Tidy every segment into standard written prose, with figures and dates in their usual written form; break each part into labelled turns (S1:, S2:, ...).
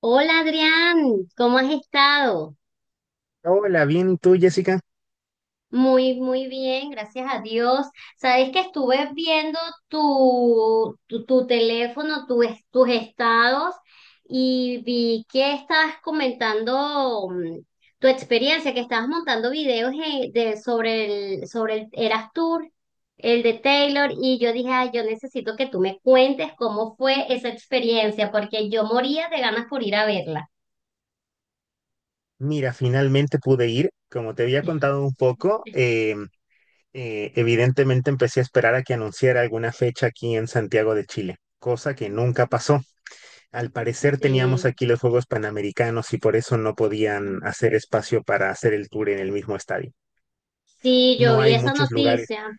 S1: Hola, Adrián, ¿cómo has estado?
S2: Hola, bien, ¿y tú, Jessica?
S1: Muy, muy bien, gracias a Dios. Sabes que estuve viendo tu teléfono, tus estados y vi que estabas comentando tu experiencia, que estabas montando videos sobre sobre el Eras Tour, el de Taylor, y yo dije: "Ay, yo necesito que tú me cuentes cómo fue esa experiencia, porque yo moría de ganas por ir a verla".
S2: Mira, finalmente pude ir. Como te había contado un poco, evidentemente empecé a esperar a que anunciara alguna fecha aquí en Santiago de Chile, cosa que nunca pasó. Al parecer teníamos
S1: Sí.
S2: aquí los Juegos Panamericanos y por eso no podían hacer espacio para hacer el tour en el mismo estadio.
S1: Sí, yo
S2: No
S1: vi
S2: hay
S1: esa
S2: muchos lugares.
S1: noticia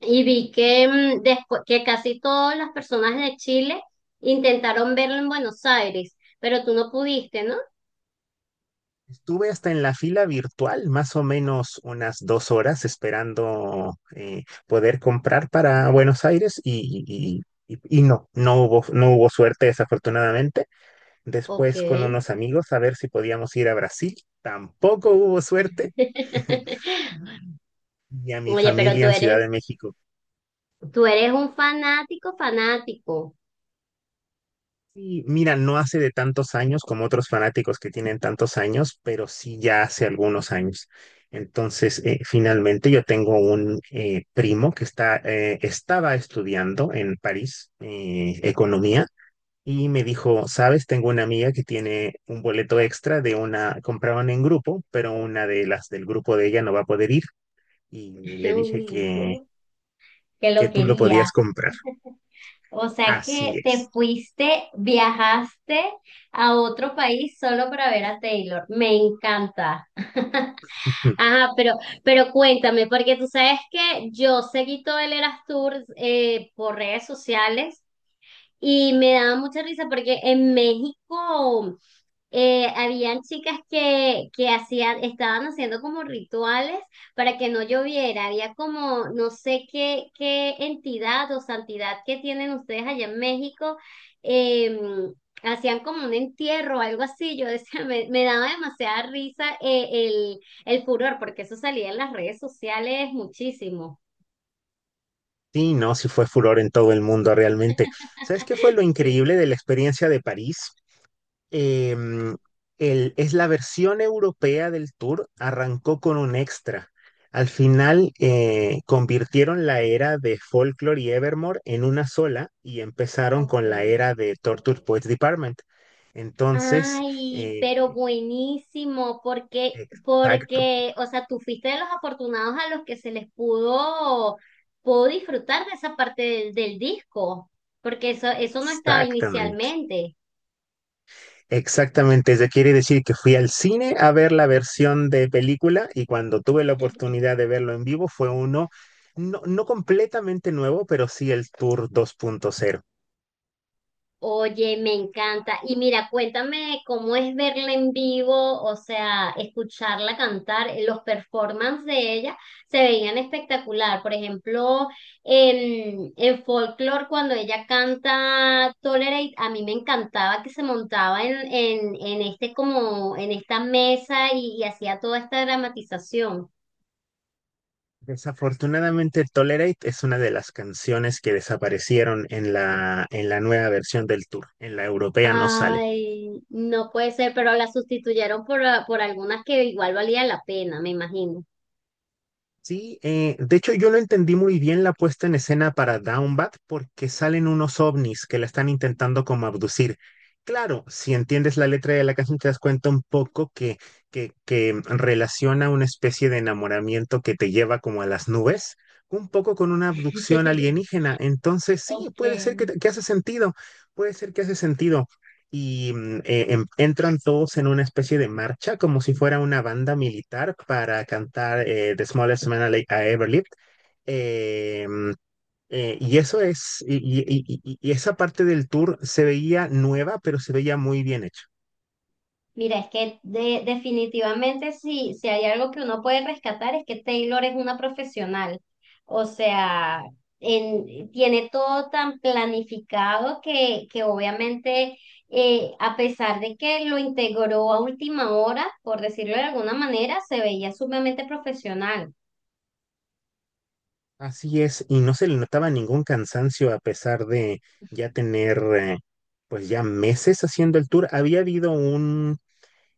S1: y vi que, que casi todas las personas de Chile intentaron verlo en Buenos Aires, pero tú no pudiste, ¿no?
S2: Estuve hasta en la fila virtual, más o menos unas 2 horas esperando poder comprar para Buenos Aires y no, no hubo suerte desafortunadamente.
S1: Ok.
S2: Después con unos amigos a ver si podíamos ir a Brasil, tampoco hubo suerte. Y a mi
S1: Oye, pero
S2: familia en Ciudad de México.
S1: tú eres un fanático, fanático.
S2: Sí, mira, no hace de tantos años como otros fanáticos que tienen tantos años, pero sí ya hace algunos años. Entonces, finalmente yo tengo un primo que está, estaba estudiando en París, economía, y me dijo, sabes, tengo una amiga que tiene un boleto extra de una, compraban en grupo, pero una de las del grupo de ella no va a poder ir, y le dije
S1: Uy,
S2: que,
S1: yo que
S2: que
S1: lo
S2: tú lo
S1: querías.
S2: podías comprar.
S1: O sea
S2: Así
S1: que te
S2: es.
S1: fuiste, viajaste a otro país solo para ver a Taylor. Me encanta. Ajá, pero cuéntame, porque tú sabes que yo seguí todo el Eras Tour por redes sociales y me daba mucha risa porque en México habían chicas que estaban haciendo como rituales para que no lloviera. Había como, no sé qué, qué entidad o santidad que tienen ustedes allá en México. eh, Hacían como un entierro o algo así. Yo decía, me daba demasiada risa el, el furor, porque eso salía en las redes sociales muchísimo.
S2: Sí, no, sí fue furor en todo el mundo realmente. ¿Sabes qué fue lo
S1: Sí.
S2: increíble de la experiencia de París? Em, es la versión europea del tour, arrancó con un extra. Al final convirtieron la era de Folklore y Evermore en una sola y empezaron
S1: Ok.
S2: con la era de Torture Poets Department. Entonces,
S1: Ay, pero
S2: eh,
S1: buenísimo,
S2: exacto,
S1: o sea, tú fuiste de los afortunados a los que se pudo disfrutar de esa parte del disco, porque eso no estaba
S2: exactamente.
S1: inicialmente.
S2: Exactamente, eso quiere decir que fui al cine a ver la versión de película y cuando tuve la oportunidad de verlo en vivo fue uno no, no completamente nuevo, pero sí el Tour 2.0.
S1: Oye, me encanta. Y mira, cuéntame cómo es verla en vivo, o sea, escucharla cantar. Eh, los performances de ella se veían espectacular. Por ejemplo, en Folklore, cuando ella canta Tolerate, a mí me encantaba que se montaba en este como, en esta mesa y hacía toda esta dramatización.
S2: Desafortunadamente, Tolerate es una de las canciones que desaparecieron en la nueva versión del Tour. En la europea no sale.
S1: Ay, no puede ser, pero la sustituyeron por algunas que igual valía la pena, me imagino.
S2: Sí, de hecho yo lo entendí muy bien la puesta en escena para Downbat porque salen unos ovnis que la están intentando como abducir. Claro, si entiendes la letra de la canción te das cuenta un poco que relaciona una especie de enamoramiento que te lleva como a las nubes, un poco con una abducción alienígena. Entonces sí,
S1: Ok.
S2: puede ser que, que hace sentido, puede ser que hace sentido y entran todos en una especie de marcha, como si fuera una banda militar, para cantar The Smallest Man I Ever Lived. Eh, mm, y eso es, y esa parte del tour se veía nueva, pero se veía muy bien hecho.
S1: Mira, es que definitivamente sí, si hay algo que uno puede rescatar es que Taylor es una profesional. O sea, tiene todo tan planificado que obviamente, a pesar de que lo integró a última hora, por decirlo de alguna manera, se veía sumamente profesional.
S2: Así es, y no se le notaba ningún cansancio a pesar de ya tener, pues ya meses haciendo el tour.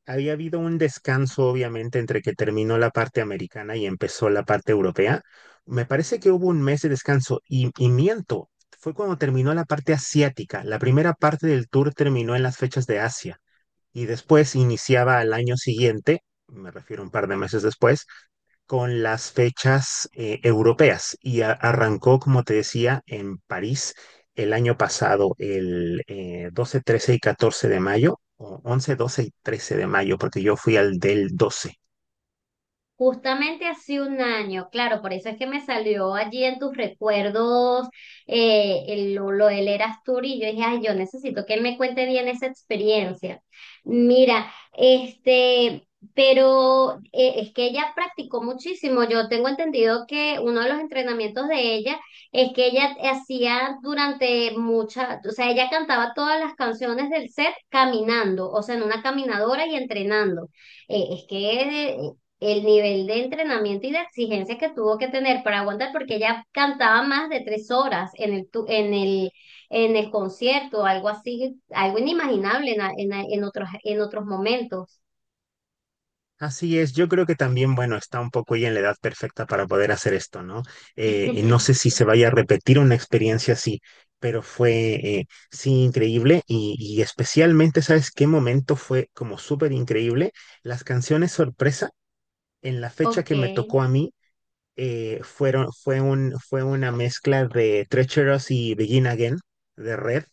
S2: Había habido un descanso, obviamente, entre que terminó la parte americana y empezó la parte europea. Me parece que hubo un mes de descanso y, miento, fue cuando terminó la parte asiática. La primera parte del tour terminó en las fechas de Asia y después iniciaba al año siguiente, me refiero un par de meses después, con las fechas europeas y arrancó, como te decía, en París el año pasado, el 12, 13 y 14 de mayo, o 11 12 y 13 de mayo, porque yo fui al del 12.
S1: Justamente hace un año, claro, por eso es que me salió allí en tus recuerdos lo del Eras Tour y yo dije, ay, yo necesito que él me cuente bien esa experiencia. Mira, este, pero es que ella practicó muchísimo. Yo tengo entendido que uno de los entrenamientos de ella es que ella hacía o sea, ella cantaba todas las canciones del set caminando, o sea, en una caminadora y entrenando. Es que el nivel de entrenamiento y de exigencia que tuvo que tener para aguantar, porque ella cantaba más de tres horas en el, tu- en el concierto, algo así, algo inimaginable en en otros momentos.
S2: Así es, yo creo que también, bueno, está un poco ya en la edad perfecta para poder hacer esto, ¿no? Y no sé si se vaya a repetir una experiencia así, pero fue, sí, increíble y, especialmente, ¿sabes qué momento fue como súper increíble? Las canciones sorpresa en la fecha
S1: Ok.
S2: que me tocó a mí, fueron, fue un, fue una mezcla de Treacherous y Begin Again de Red,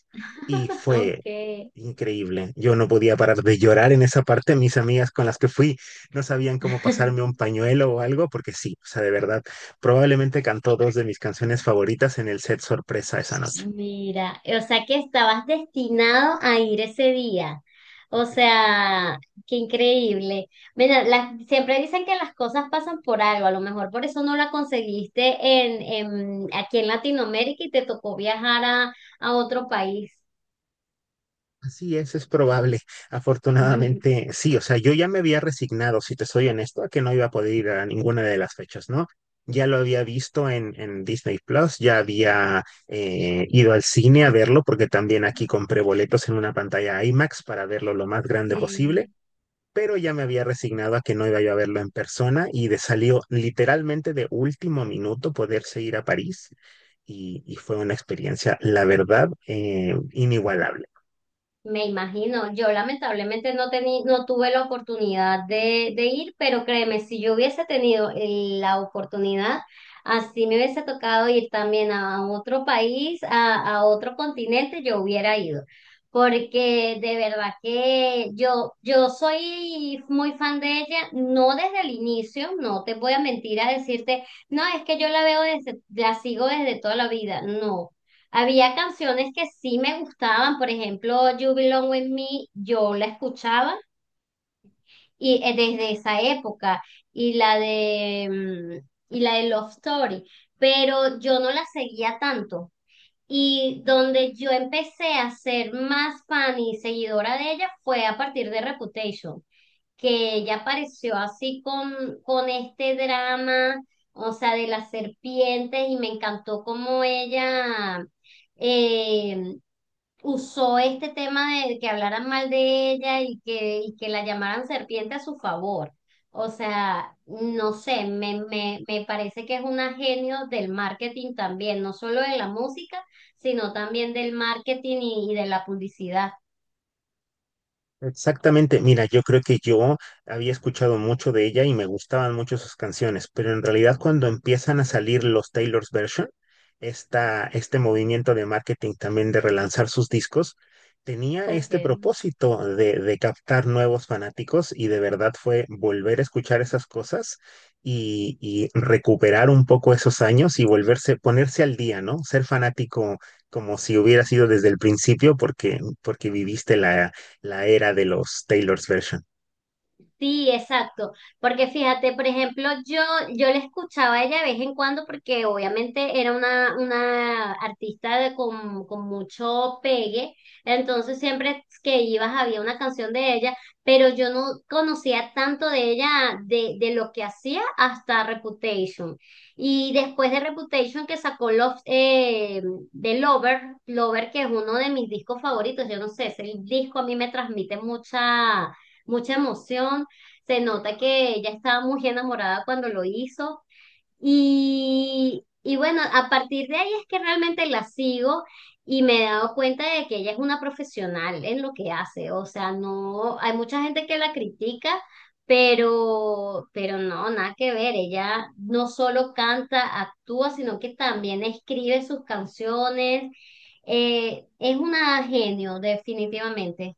S2: y fue
S1: Ok.
S2: increíble. Yo no podía parar de llorar en esa parte. Mis amigas con las que fui no sabían cómo pasarme un pañuelo o algo, porque sí, o sea, de verdad, probablemente cantó dos de mis canciones favoritas en el set sorpresa esa noche.
S1: Mira, o sea que estabas destinado a ir ese día. O sea, qué increíble. Mira, siempre dicen que las cosas pasan por algo, a lo mejor por eso no la conseguiste aquí en Latinoamérica y te tocó viajar a otro país.
S2: Así es probable. Afortunadamente, sí, o sea, yo ya me había resignado, si te soy honesto, a que no iba a poder ir a ninguna de las fechas, ¿no? Ya lo había visto en, Disney Plus, ya había ido al cine a verlo, porque también aquí compré boletos en una pantalla IMAX para verlo lo más grande posible,
S1: Sí.
S2: pero ya me había resignado a que no iba yo a verlo en persona y de salió literalmente de último minuto poderse ir a París y, fue una experiencia, la verdad, inigualable.
S1: Me imagino, yo lamentablemente no tuve la oportunidad de ir, pero créeme, si yo hubiese tenido la oportunidad, así me hubiese tocado ir también a otro país, a otro continente, yo hubiera ido. Porque de verdad que yo soy muy fan de ella, no desde el inicio, no te voy a mentir a decirte, no, es que yo la veo desde, la sigo desde toda la vida, no. Había canciones que sí me gustaban, por ejemplo, You Belong With Me, yo la escuchaba y desde esa época y la de Love Story, pero yo no la seguía tanto. Y donde yo empecé a ser más fan y seguidora de ella fue a partir de Reputation, que ella apareció así con este drama, o sea, de las serpientes, y me encantó cómo ella eh, usó este tema de que hablaran mal de ella y y que la llamaran serpiente a su favor. O sea, no sé, me parece que es un genio del marketing también, no solo de la música, sino también del marketing y de la publicidad.
S2: Exactamente, mira, yo creo que yo había escuchado mucho de ella y me gustaban mucho sus canciones, pero en realidad cuando empiezan a salir los Taylor's Version, esta, este movimiento de marketing también de relanzar sus discos, tenía
S1: Ok.
S2: este propósito de captar nuevos fanáticos, y de verdad fue volver a escuchar esas cosas y, recuperar un poco esos años y volverse, ponerse al día, ¿no? Ser fanático como si hubiera sido desde el principio porque, porque viviste la era de los Taylor's Version.
S1: Sí, exacto. Porque fíjate, por ejemplo, yo la escuchaba a ella de vez en cuando porque obviamente era una artista de, con mucho pegue. Entonces siempre que ibas había una canción de ella, pero yo no conocía tanto de ella, de lo que hacía hasta Reputation. Y después de Reputation que sacó Lover, Lover, que es uno de mis discos favoritos. Yo no sé, ese disco a mí me transmite mucha mucha emoción. Se nota que ella estaba muy enamorada cuando lo hizo. Y bueno, a partir de ahí es que realmente la sigo y me he dado cuenta de que ella es una profesional en lo que hace. O sea, no, hay mucha gente que la critica, pero no, nada que ver. Ella no solo canta, actúa, sino que también escribe sus canciones. Es una genio, definitivamente.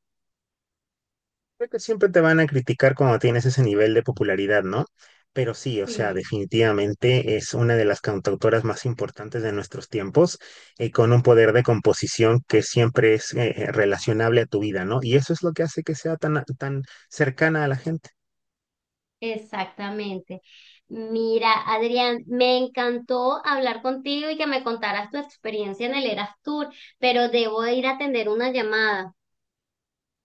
S2: Creo que siempre te van a criticar cuando tienes ese nivel de popularidad, ¿no? Pero sí, o sea,
S1: Sí.
S2: definitivamente es una de las cantautoras más importantes de nuestros tiempos, con un poder de composición que siempre es relacionable a tu vida, ¿no? Y eso es lo que hace que sea tan, tan cercana a la gente.
S1: Exactamente. Mira, Adrián, me encantó hablar contigo y que me contaras tu experiencia en el Eras Tour, pero debo ir a atender una llamada.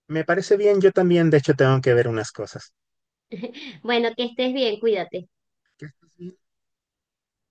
S2: Me parece bien, yo también, de hecho, tengo que ver unas cosas.
S1: Bueno, que estés bien, cuídate.